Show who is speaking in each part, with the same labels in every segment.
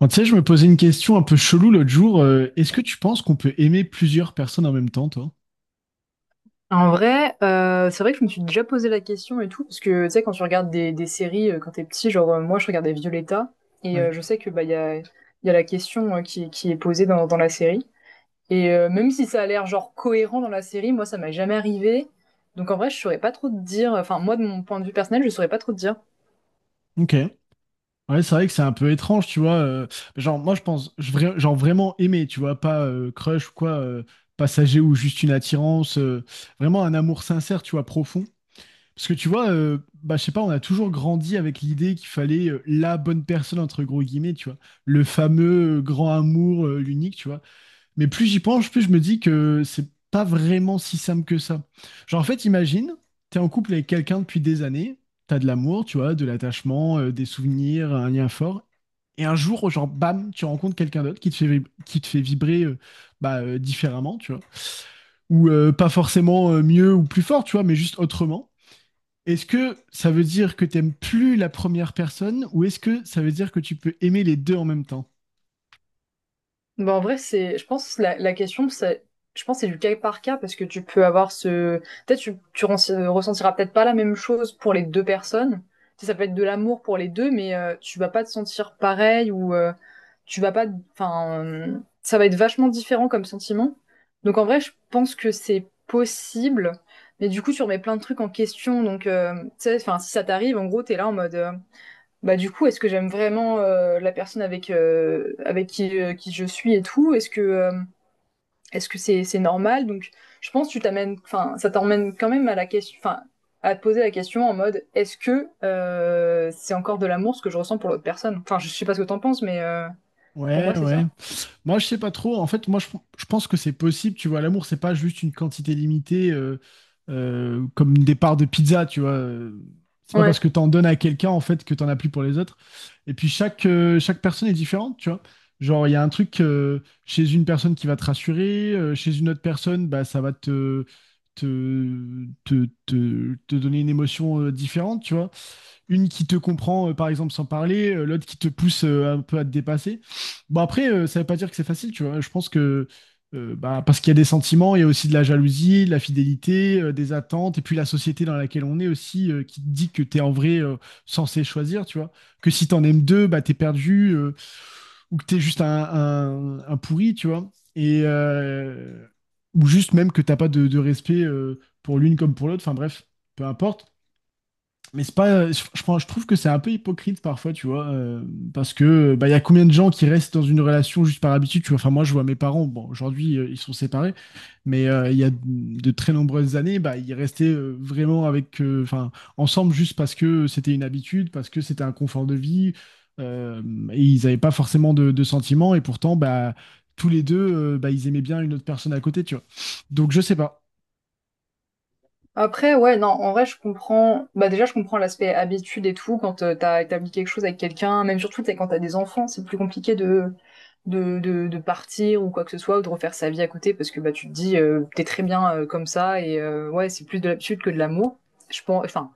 Speaker 1: Bon, tu sais, je me posais une question un peu chelou l'autre jour. Est-ce que tu penses qu'on peut aimer plusieurs personnes en même temps, toi?
Speaker 2: En vrai, c'est vrai que je me suis déjà posé la question et tout, parce que tu sais, quand tu regardes des séries quand t'es petit, moi je regardais Violetta, et
Speaker 1: Ouais.
Speaker 2: je sais que bah il y a la question qui est posée dans la série. Et même si ça a l'air genre cohérent dans la série, moi ça m'est jamais arrivé. Donc en vrai, je saurais pas trop te dire, enfin moi de mon point de vue personnel, je saurais pas trop te dire.
Speaker 1: Ok. Ouais, c'est vrai que c'est un peu étrange, tu vois. Genre, moi, je pense, je vra- genre vraiment aimer, tu vois, pas crush ou quoi, passager ou juste une attirance, vraiment un amour sincère, tu vois, profond. Parce que tu vois, bah, je sais pas, on a toujours grandi avec l'idée qu'il fallait la bonne personne, entre gros guillemets, tu vois. Le fameux grand amour, l'unique, tu vois. Mais plus j'y penche, plus je me dis que c'est pas vraiment si simple que ça. Genre, en fait, imagine, t'es en couple avec quelqu'un depuis des années, t'as de l'amour, tu vois, de l'attachement, des souvenirs, un lien fort. Et un jour, genre, bam, tu rencontres quelqu'un d'autre qui te qui te fait vibrer bah, différemment, tu vois. Ou pas forcément mieux ou plus fort, tu vois, mais juste autrement. Est-ce que ça veut dire que t'aimes plus la première personne ou est-ce que ça veut dire que tu peux aimer les deux en même temps?
Speaker 2: Bah, en vrai, je pense, la question, c'est, je pense, que c'est du cas par cas parce que tu peux avoir ce, peut-être, tu ren- ressentiras peut-être pas la même chose pour les deux personnes. Tu sais, ça peut être de l'amour pour les deux, mais tu vas pas te sentir pareil ou tu vas pas, enfin, ça va être vachement différent comme sentiment. Donc, en vrai, je pense que c'est possible, mais du coup, tu remets plein de trucs en question. Donc, tu sais, enfin, si ça t'arrive, en gros, t'es là en mode, bah du coup, est-ce que j'aime vraiment la personne avec qui je suis et tout? Est-ce que c'est normal? Donc, je pense que tu t'amènes, enfin, ça t'emmène quand même à la question, enfin, à te poser la question en mode, est-ce que c'est encore de l'amour ce que je ressens pour l'autre personne? Enfin, je sais pas ce que t'en penses, mais pour moi,
Speaker 1: Ouais,
Speaker 2: c'est
Speaker 1: ouais.
Speaker 2: ça.
Speaker 1: Moi, je sais pas trop. En fait, je pense que c'est possible. Tu vois, l'amour, c'est pas juste une quantité limitée comme des parts de pizza. Tu vois, c'est pas parce
Speaker 2: Ouais.
Speaker 1: que t'en donnes à quelqu'un en fait que t'en as plus pour les autres. Et puis chaque personne est différente. Tu vois, genre il y a un truc chez une personne qui va te rassurer, chez une autre personne, bah ça va te donner une émotion différente. Tu vois une qui te comprend, par exemple, sans parler, l'autre qui te pousse un peu à te dépasser. Bon, après, ça veut pas dire que c'est facile, tu vois. Bah, parce qu'il y a des sentiments, il y a aussi de la jalousie, de la fidélité, des attentes, et puis la société dans laquelle on est aussi, qui te dit que t'es en vrai censé choisir, tu vois. Que si t'en aimes deux, bah, t'es perdu, ou que t'es juste un pourri, tu vois. Et, ou juste même que t'as pas de respect pour l'une comme pour l'autre, enfin bref, peu importe. Mais c'est pas, je trouve que c'est un peu hypocrite parfois, tu vois, parce que bah, il y a combien de gens qui restent dans une relation juste par habitude, tu vois. Enfin, moi, je vois mes parents, bon, aujourd'hui, ils sont séparés, mais il y a de très nombreuses années, bah, ils restaient vraiment avec, enfin, ensemble juste parce que c'était une habitude, parce que c'était un confort de vie, euh, et ils n'avaient pas forcément de sentiments, et pourtant, bah, tous les deux, bah, ils aimaient bien une autre personne à côté, tu vois. Donc, je sais pas.
Speaker 2: Après, ouais, non, en vrai, je comprends. Bah, déjà, je comprends l'aspect habitude et tout. Quand t'as établi quelque chose avec quelqu'un, même surtout, t'sais, quand t'as des enfants, c'est plus compliqué de partir ou quoi que ce soit, ou de refaire sa vie à côté, parce que bah, tu te dis, t'es très bien comme ça, et ouais, c'est plus de l'habitude que de l'amour. Je pense, enfin,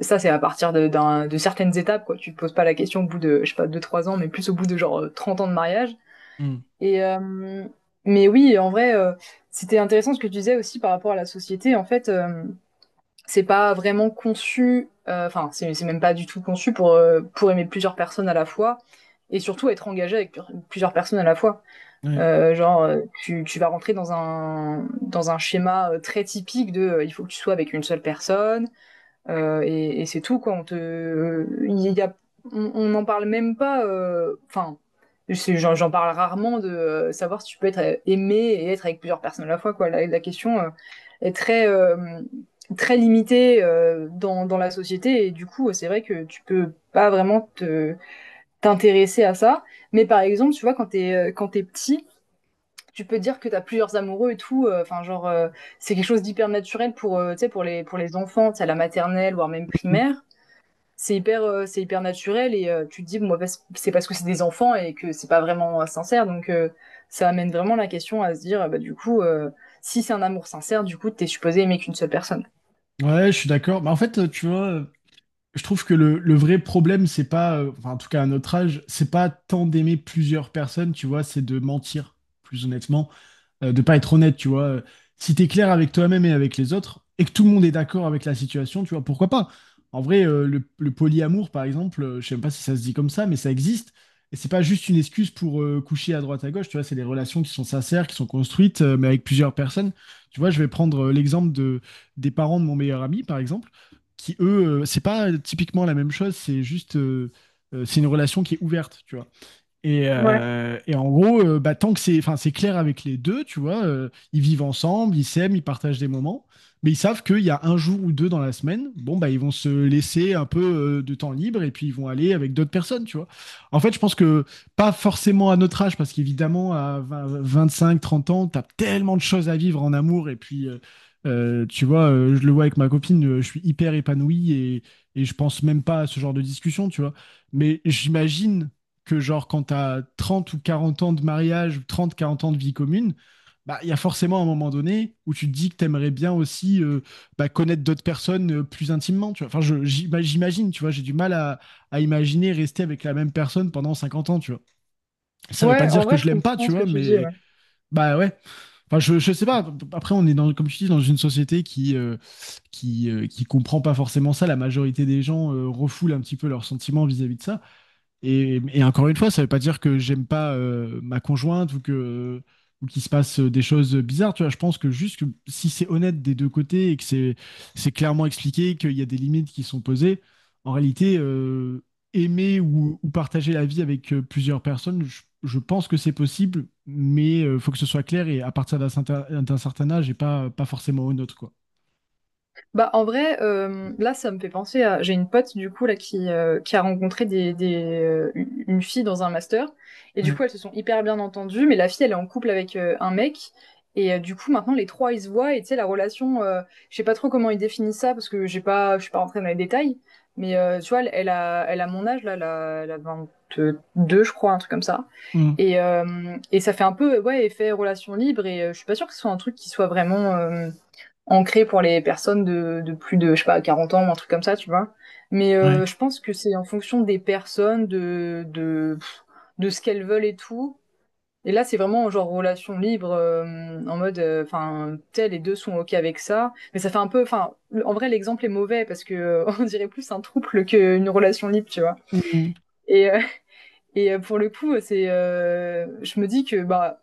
Speaker 2: ça, c'est à partir de certaines étapes, quoi. Tu te poses pas la question au bout de, je sais pas, 2 trois ans, mais plus au bout de 30 ans de mariage.
Speaker 1: Hmm.
Speaker 2: Et, mais oui, en vrai, c'était intéressant ce que tu disais aussi par rapport à la société. En fait, c'est pas vraiment conçu, enfin, c'est même pas du tout conçu pour aimer plusieurs personnes à la fois et surtout être engagé avec plusieurs personnes à la fois.
Speaker 1: Ouais.
Speaker 2: Tu vas rentrer dans un schéma très typique de il faut que tu sois avec une seule personne, et c'est tout, quoi. Il y a, on n'en parle même pas. Enfin, c'est- j'en parle rarement de savoir si tu peux être aimé et être avec plusieurs personnes à la fois, quoi. La question est très, très limitée dans la société. Et du coup, c'est vrai que tu peux pas vraiment te t'intéresser à ça. Mais par exemple, tu vois, quand t'es petit, tu peux dire que t'as plusieurs amoureux et tout. C'est quelque chose d'hyper naturel pour, tu sais, pour les enfants, tu à la maternelle, voire même
Speaker 1: Hmm.
Speaker 2: primaire. C'est hyper naturel et tu te dis, bon, bah, c'est parce que c'est des enfants et que c'est pas vraiment sincère. Donc, ça amène vraiment la question à se dire, ah bah, du coup, si c'est un amour sincère, du coup, t'es supposé aimer qu'une seule personne.
Speaker 1: Ouais, je suis d'accord. Mais en fait, tu vois, je trouve que le vrai problème, c'est pas, enfin, en tout cas à notre âge, c'est pas tant d'aimer plusieurs personnes, tu vois, c'est de mentir, plus honnêtement. De pas être honnête, tu vois. Si t'es clair avec toi-même et avec les autres, et que tout le monde est d'accord avec la situation, tu vois, pourquoi pas? En vrai, le polyamour, par exemple, je sais même pas si ça se dit comme ça, mais ça existe. Et c'est pas juste une excuse pour coucher à droite à gauche, tu vois, c'est des relations qui sont sincères, qui sont construites, mais avec plusieurs personnes. Tu vois, je vais prendre des parents de mon meilleur ami, par exemple, qui eux, c'est pas typiquement la même chose, c'est juste, c'est une relation qui est ouverte, tu vois.
Speaker 2: Ouais.
Speaker 1: Et en gros, bah, tant que c'est, enfin, c'est clair avec les deux, tu vois, ils vivent ensemble, ils s'aiment, ils partagent des moments, mais ils savent qu'il y a un jour ou deux dans la semaine, bon, bah, ils vont se laisser un peu de temps libre et puis ils vont aller avec d'autres personnes, tu vois. En fait, je pense que pas forcément à notre âge, parce qu'évidemment, à vingt, vingt-cinq, trente ans, t'as tellement de choses à vivre en amour et puis. Tu vois, je le vois avec ma copine, je suis hyper épanoui et je pense même pas à ce genre de discussion, tu vois. Mais j'imagine que genre quand t'as 30 ou 40 ans de mariage, ou 30, 40 ans de vie commune, bah il y a forcément un moment donné où tu te dis que t'aimerais bien aussi bah, connaître d'autres personnes plus intimement, tu vois. Enfin, j'imagine, tu vois, j'ai du mal à imaginer rester avec la même personne pendant 50 ans, tu vois. Ça veut pas
Speaker 2: Ouais, en
Speaker 1: dire que
Speaker 2: vrai,
Speaker 1: je
Speaker 2: je
Speaker 1: l'aime pas,
Speaker 2: comprends
Speaker 1: tu
Speaker 2: ce que
Speaker 1: vois,
Speaker 2: tu dis.
Speaker 1: mais
Speaker 2: Ouais.
Speaker 1: bah ouais. Enfin, je sais pas. Après, on est dans, comme tu dis, dans une société qui comprend pas forcément ça. La majorité des gens refoulent un petit peu leurs sentiments vis-à-vis de ça. Et encore une fois, ça ne veut pas dire que j'aime pas ma conjointe ou que ou qu'il se passe des choses bizarres. Tu vois, je pense que juste que si c'est honnête des deux côtés et que c'est clairement expliqué, qu'il y a des limites qui sont posées, en réalité, aimer ou partager la vie avec plusieurs personnes, je pense que c'est possible, mais faut que ce soit clair et à partir d'un certain âge et pas pas forcément au nôtre, quoi.
Speaker 2: Bah, en vrai, là, ça me fait penser à. J'ai une pote, du coup, là, qui a rencontré une fille dans un master. Et du
Speaker 1: Ouais.
Speaker 2: coup, elles se sont hyper bien entendues. Mais la fille, elle est en couple avec un mec. Et du coup, maintenant, les trois, ils se voient. Et tu sais, la relation, je sais pas trop comment ils définissent ça parce que j'ai pas, je suis pas rentrée dans les détails. Mais tu vois, elle, elle a mon âge, là, elle a 22, je crois, un truc comme ça.
Speaker 1: Mm.
Speaker 2: Et, euh, et ça fait un peu, ouais, effet relation libre. Et je suis pas sûre que ce soit un truc qui soit vraiment, ancré pour les personnes de plus de, je sais pas, 40 ans ou un truc comme ça, tu vois. Mais
Speaker 1: Ouais.
Speaker 2: je pense que c'est en fonction des personnes, de ce qu'elles veulent et tout. Et là, c'est vraiment genre relation libre, en mode, enfin, tel, les deux sont OK avec ça. Mais ça fait un peu, enfin, le- en vrai, l'exemple est mauvais parce que on dirait plus un trouble qu'une relation libre, tu vois.
Speaker 1: Mm.
Speaker 2: Et, pour le coup, je me dis que, bah,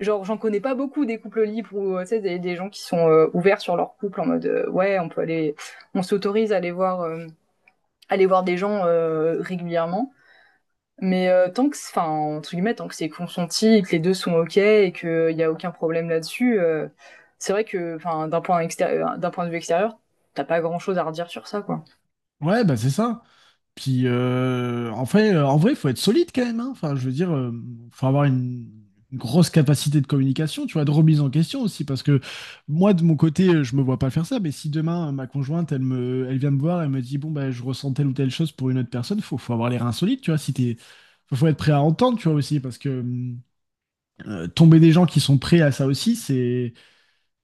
Speaker 2: genre j'en connais pas beaucoup des couples libres ou tu sais des gens qui sont ouverts sur leur couple en mode ouais on peut aller on s'autorise à aller voir des gens régulièrement mais tant que enfin entre guillemets tant que c'est consenti et que les deux sont ok et que il y a aucun problème là-dessus, c'est vrai que enfin d'un point extérieur d'un point de vue extérieur t'as pas grand chose à redire sur ça quoi.
Speaker 1: Ouais, bah c'est ça. Puis en vrai, faut être solide quand même, hein. Enfin, je veux dire, faut avoir une grosse capacité de communication, tu vois, de remise en question aussi, parce que moi, de mon côté, je me vois pas faire ça. Mais si demain ma conjointe, elle vient me voir, elle me dit, bon bah, je ressens telle ou telle chose pour une autre personne, faut, faut avoir les reins solides, tu vois. Si t'es, faut, faut être prêt à entendre, tu vois aussi, parce que tomber des gens qui sont prêts à ça aussi, c'est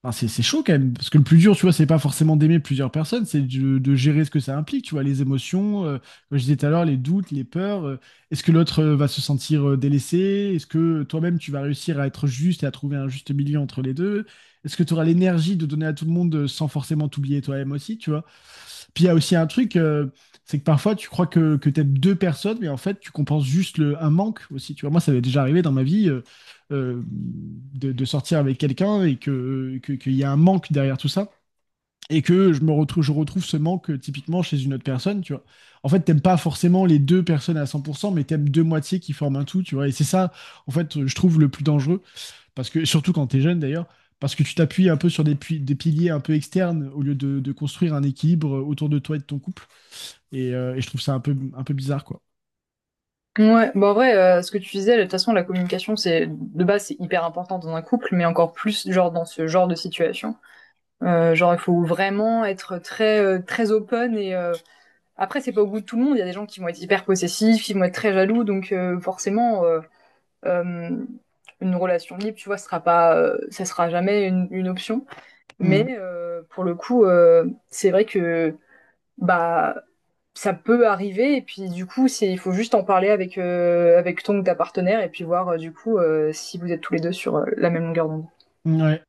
Speaker 1: enfin, c'est chaud quand même, parce que le plus dur, tu vois, c'est pas forcément d'aimer plusieurs personnes, c'est de gérer ce que ça implique, tu vois, les émotions, comme je disais tout à l'heure, les doutes, les peurs. Est-ce que l'autre va se sentir délaissé? Est-ce que toi-même, tu vas réussir à être juste et à trouver un juste milieu entre les deux? Est-ce que tu auras l'énergie de donner à tout le monde sans forcément t'oublier toi-même aussi, tu vois? Puis il y a aussi un truc, c'est que parfois tu crois que tu aimes deux personnes, mais en fait tu compenses juste un manque aussi. Tu vois, moi ça m'est déjà arrivé dans ma vie euh, de sortir avec quelqu'un qu'il y a un manque derrière tout ça. Et que je retrouve ce manque typiquement chez une autre personne, tu vois. En fait, t'aimes pas forcément les deux personnes à 100%, mais t'aimes deux moitiés qui forment un tout, tu vois. Et c'est ça, en fait, je trouve le plus dangereux, parce que surtout quand t'es jeune d'ailleurs, parce que tu t'appuies un peu sur des piliers un peu externes au lieu de construire un équilibre autour de toi et de ton couple. Et je trouve ça un peu bizarre, quoi.
Speaker 2: Ouais bon en vrai, ce que tu disais de toute façon la communication c'est de base c'est hyper important dans un couple mais encore plus genre dans ce genre de situation. Genre, il faut vraiment être très très open et après c'est pas au goût de tout le monde. Il y a des gens qui vont être hyper possessifs, ils vont être très jaloux, donc forcément euh, une relation libre, tu vois, sera pas, ça sera jamais une option.
Speaker 1: Mm.
Speaker 2: Mais pour le coup, c'est vrai que bah ça peut arriver et puis du coup c'est il faut juste en parler avec avec ton ou ta partenaire et puis voir si vous êtes tous les deux sur la même longueur d'onde.
Speaker 1: Ouais.